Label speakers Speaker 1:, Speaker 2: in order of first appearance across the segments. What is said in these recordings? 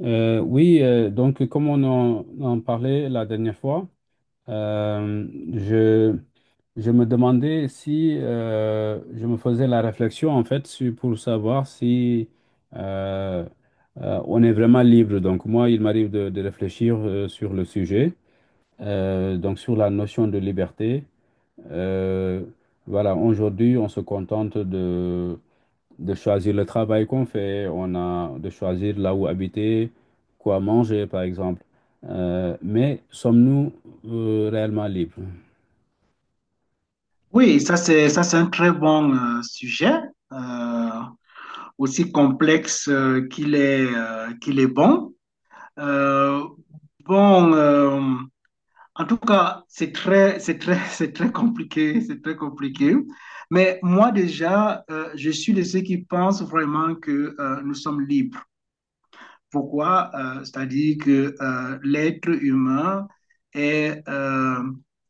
Speaker 1: Oui, donc comme on en parlait la dernière fois, euh, je, je me demandais si je me faisais la réflexion en fait pour savoir si euh, on est vraiment libre. Donc moi, il m'arrive de réfléchir sur le sujet, donc sur la notion de liberté. Euh, voilà, aujourd'hui, on se contente de choisir le travail qu'on fait, on a de choisir là où habiter, quoi manger, par exemple. Mais sommes-nous réellement libres?
Speaker 2: Oui, ça c'est un très bon sujet, euh, aussi complexe qu'il est bon. Euh, bon, en tout cas, c'est très c'est très compliqué, c'est très compliqué. Mais moi déjà, je suis de ceux qui pensent vraiment que nous sommes libres. Pourquoi? C'est-à-dire que l'être humain est euh,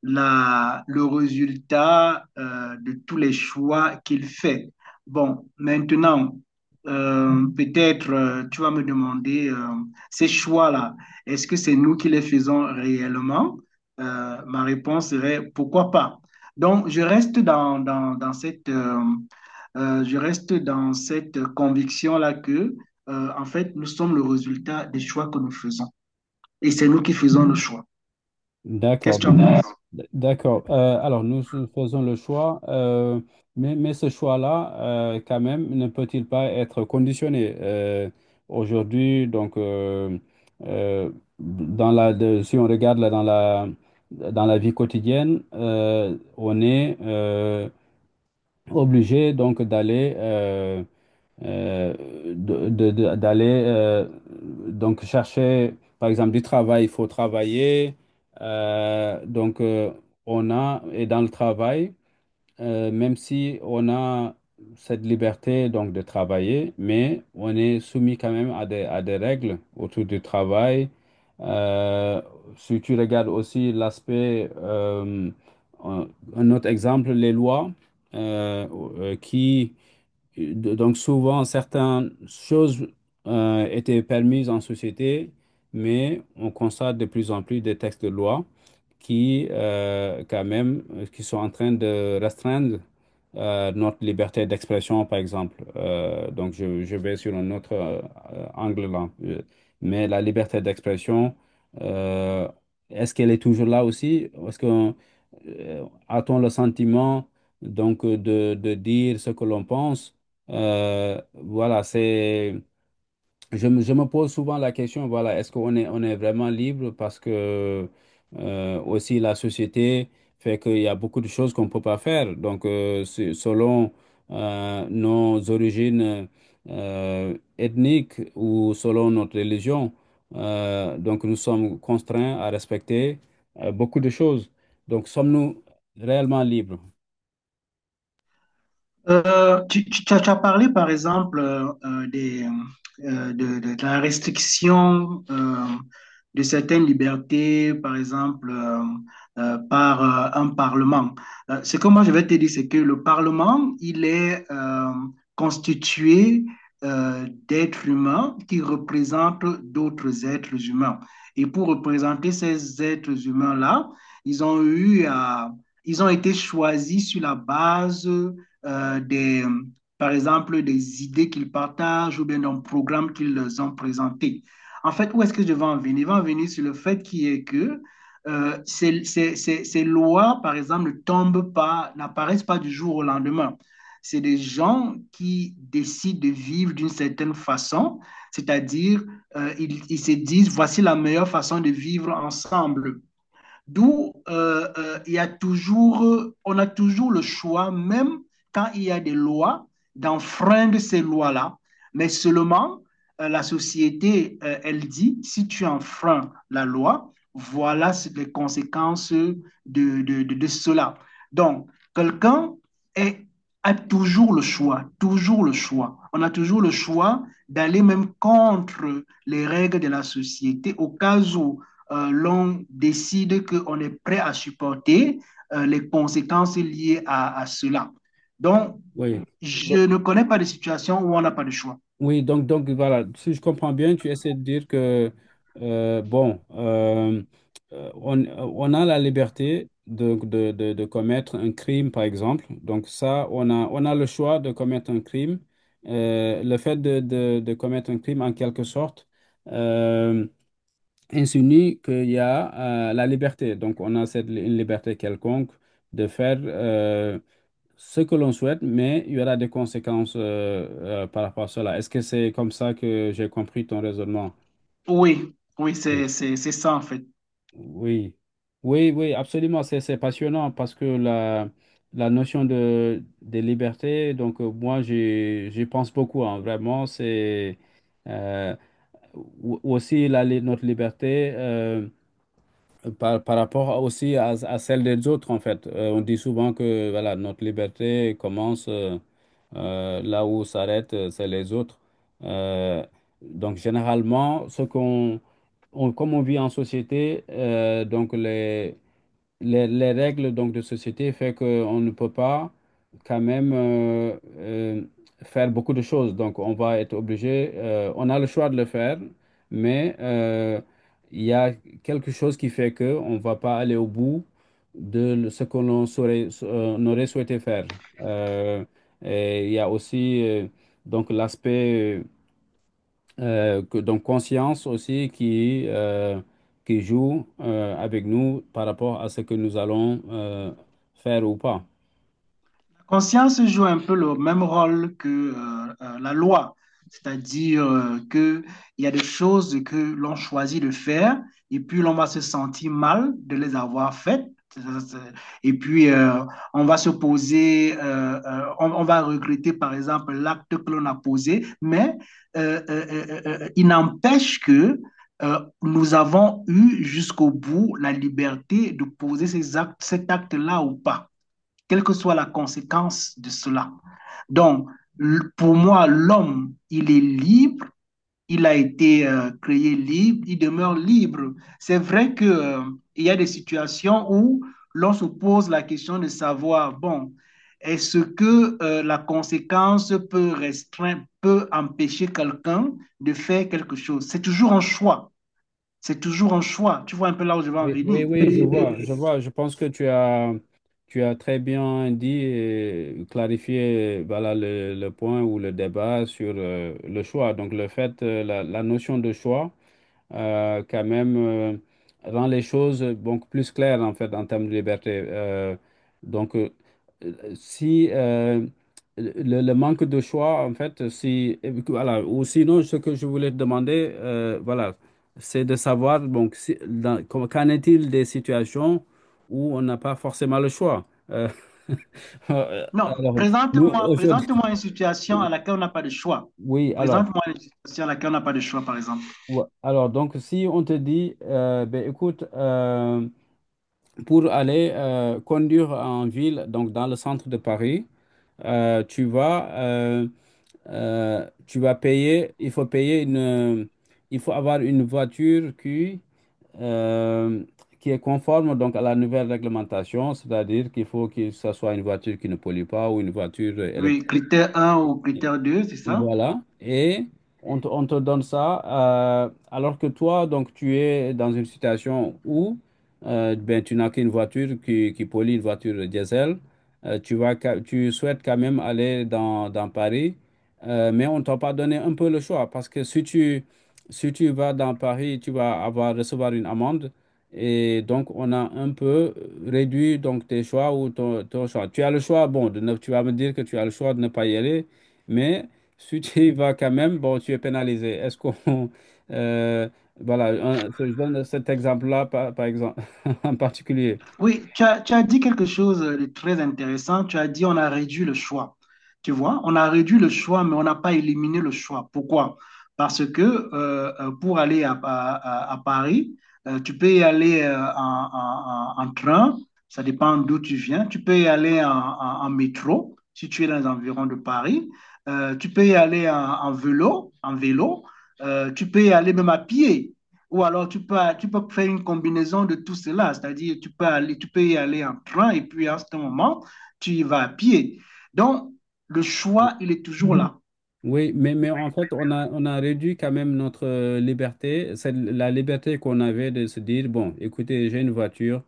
Speaker 2: la, le résultat de tous les choix qu'il fait. Bon, maintenant, peut-être tu vas me demander ces choix-là, est-ce que c'est nous qui les faisons réellement? Ma réponse serait pourquoi pas. Donc, je reste dans, dans, dans cette, je reste dans cette conviction-là que en fait, nous sommes le résultat des choix que nous faisons. Et c'est nous qui faisons le choix.
Speaker 1: D'accord,
Speaker 2: Qu'est-ce que tu en
Speaker 1: donc,
Speaker 2: penses?
Speaker 1: d'accord. Alors, nous nous faisons le choix, mais ce choix-là, quand même, ne peut-il pas être conditionné? Aujourd'hui, donc, euh, dans si on regarde là, dans dans la vie quotidienne, on est obligé donc d'aller euh, d'aller donc chercher par exemple du travail, il faut travailler. Donc on a, et dans le travail même si on a cette liberté donc de travailler, mais on est soumis quand même à à des règles autour du travail. Euh, Si tu regardes aussi l'aspect, un un autre exemple, les lois euh, qui Donc souvent, certaines choses étaient permises en société, mais on constate de plus en plus des textes de loi qui, quand même, qui sont en train de restreindre notre liberté d'expression, par exemple. Donc je vais sur un autre angle là. Mais la liberté d'expression, euh, est-ce qu'elle est toujours là aussi? Est-ce qu'on, a-t-on le sentiment donc de dire ce que l'on pense? Voilà, je me pose souvent la question, voilà, est-ce qu'on on est vraiment libre parce que aussi la société fait qu'il y a beaucoup de choses qu'on ne peut pas faire. Donc, selon nos origines ethniques ou selon notre religion, donc nous sommes contraints à respecter beaucoup de choses. Donc, sommes-nous réellement libres?
Speaker 2: Tu, tu- tu as parlé, par exemple, de la restriction de certaines libertés, par exemple, par un parlement. Ce que moi, je vais te dire, c'est que le parlement, il est constitué d'êtres humains qui représentent d'autres êtres humains. Et pour représenter ces êtres humains-là, ils ont eu à- ils ont été choisis sur la base euh, des, par exemple, des idées qu'ils partagent ou bien d'un programme qu'ils ont présenté. En fait, où est-ce que je vais en venir? Je vais en venir sur le fait qui est que ces lois, par exemple, ne tombent pas, n'apparaissent pas du jour au lendemain. C'est des gens qui décident de vivre d'une certaine façon, c'est-à-dire ils se disent, voici la meilleure façon de vivre ensemble. D'où il y a toujours, on a toujours le choix, même quand il y a des lois, d'enfreindre ces lois-là. Mais seulement, la société, elle dit, si tu enfreins la loi, voilà les conséquences de cela. Donc, quelqu'un est- a toujours le choix, toujours le choix. On a toujours le choix d'aller même contre les règles de la société au cas où l'on décide qu'on est prêt à supporter les conséquences liées à cela. Donc,
Speaker 1: Oui.
Speaker 2: je ne connais pas de situation où on n'a pas de choix.
Speaker 1: Oui, donc voilà, si je comprends bien, tu essaies de dire que, bon, on a la liberté de commettre un crime, par exemple. Donc ça, on a le choix de commettre un crime. Le fait de commettre un crime, en quelque sorte, euh, insinue qu'il y a la liberté. Donc on a cette une liberté quelconque de faire ce que l'on souhaite, mais il y aura des conséquences par rapport à cela. Est-ce que c'est comme ça que j'ai compris ton raisonnement?
Speaker 2: Oui, oui,
Speaker 1: Oui.
Speaker 2: c'est ça en fait.
Speaker 1: Oui, oui, oui, absolument. C'est passionnant parce que la notion de, des libertés donc moi, j'y pense beaucoup, hein. Vraiment. C'est euh, aussi notre liberté. Par rapport aussi à celle des autres, en fait. On dit souvent que voilà, notre liberté commence là où s'arrête, c'est les autres. Euh, donc, généralement, ce qu'on, comme on vit en société, donc les règles donc, de société fait qu'on ne peut pas quand même faire beaucoup de choses. Donc, on va être obligé, on a le choix de le faire, mais il y a quelque chose qui fait que on va pas aller au bout de ce que l'on on aurait souhaité faire. Euh, et il y a aussi donc l'aspect donc conscience aussi qui joue avec nous par rapport à ce que nous allons faire ou pas.
Speaker 2: Conscience joue un peu le même rôle que la loi, c'est-à-dire que il y a des choses que l'on choisit de faire et puis l'on va se sentir mal de les avoir faites. Et puis, on va se poser, on va regretter par exemple l'acte que l'on a posé, mais il n'empêche que nous avons eu jusqu'au bout la liberté de poser cet acte-là ou pas, quelle que soit la conséquence de cela. Donc, pour moi, l'homme, il est libre, il a été créé libre, il demeure libre. C'est vrai qu'il y a des situations où l'on se pose la question de savoir, bon, est-ce que la conséquence peut restreindre, peut empêcher quelqu'un de faire quelque chose. C'est toujours un choix. C'est toujours un choix. Tu vois un peu là où je veux en
Speaker 1: Oui, oui,
Speaker 2: venir.
Speaker 1: oui, je vois, je vois. Je pense que tu as très bien dit et clarifié voilà, le point ou le débat sur le choix. Donc le fait, la notion de choix quand même rend les choses donc plus claires en fait en termes de liberté. Donc si le manque de choix en fait si voilà, ou sinon ce que je voulais te demander voilà, c'est de savoir donc qu'en est-il des situations où on n'a pas forcément le choix.
Speaker 2: Non,
Speaker 1: Alors, nous
Speaker 2: présente-moi,
Speaker 1: aujourd'hui,
Speaker 2: présente-moi une situation à laquelle on n'a pas de choix.
Speaker 1: oui, alors
Speaker 2: Présente-moi une situation à laquelle on n'a pas de choix, par exemple.
Speaker 1: alors donc si on te dit ben écoute, pour aller conduire en ville, donc dans le centre de Paris, euh, tu vas, euh, tu vas payer, il faut avoir une voiture euh, qui est conforme donc à la nouvelle réglementation, c'est-à-dire qu'il faut que ce soit une voiture qui ne pollue pas ou une voiture
Speaker 2: Oui,
Speaker 1: électrique.
Speaker 2: critère un ou critère 2, c'est ça?
Speaker 1: Voilà, et on te donne ça, alors que toi, donc, tu es dans une situation où ben, tu n'as qu'une voiture qui pollue, une voiture diesel. Tu vas, tu souhaites quand même aller dans Paris, mais on t'a pas donné un peu le choix, parce que si tu, si tu vas dans Paris, tu vas avoir, recevoir une amende, et donc on a un peu réduit donc, tes choix ou ton, ton choix. Tu as le choix, bon, de tu vas me dire que tu as le choix de ne pas y aller, mais... Si tu y vas quand même, bon, tu es pénalisé. Est-ce qu'on... euh, voilà, je donne cet exemple-là, par exemple, en particulier.
Speaker 2: Oui, tu as dit quelque chose de très intéressant. Tu as dit on a réduit le choix. Tu vois, on a réduit le choix, mais on n'a pas éliminé le choix. Pourquoi? Parce que pour aller à Paris, tu peux y aller en train, ça dépend d'où tu viens. Tu peux y aller en métro, si tu es dans les environs de Paris. Tu peux y aller en vélo, en vélo. Tu peux y aller même à pied. Ou alors tu peux faire une combinaison de tout cela, c'est-à-dire tu peux y aller en train et puis à ce moment, tu y vas à pied. Donc, le choix, il est toujours là.
Speaker 1: Oui, mais en fait, on a réduit quand même notre liberté. C'est la liberté qu'on avait de se dire, bon, écoutez, j'ai une voiture,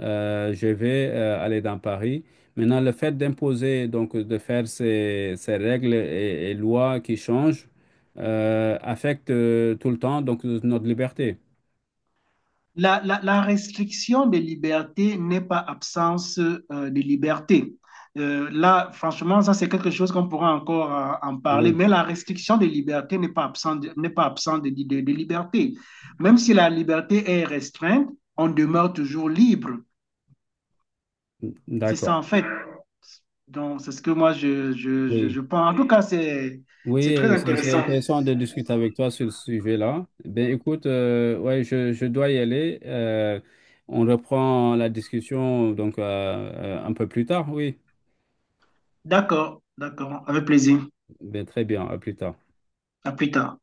Speaker 1: je vais aller dans Paris. Maintenant, le fait d'imposer, donc de faire ces règles et lois qui changent, affecte tout le temps donc notre liberté.
Speaker 2: La la restriction des libertés n'est pas absence de liberté. Là, franchement, ça, c'est quelque chose qu'on pourra encore en parler,
Speaker 1: Oui,
Speaker 2: mais la restriction des libertés n'est pas absente, n'est pas absente de de liberté. Même si la liberté est restreinte, on demeure toujours libre. C'est ça,
Speaker 1: d'accord.
Speaker 2: en fait. Donc, c'est ce que moi, je, je, je,
Speaker 1: Oui,
Speaker 2: je pense. En tout cas, c'est très
Speaker 1: oui, c'est
Speaker 2: intéressant.
Speaker 1: intéressant de discuter avec toi sur ce sujet-là. Ben écoute, ouais, je dois y aller. On reprend la discussion donc un peu plus tard, oui.
Speaker 2: D'accord, d'accord, avec plaisir.
Speaker 1: Ben très bien, à plus tard.
Speaker 2: À plus tard.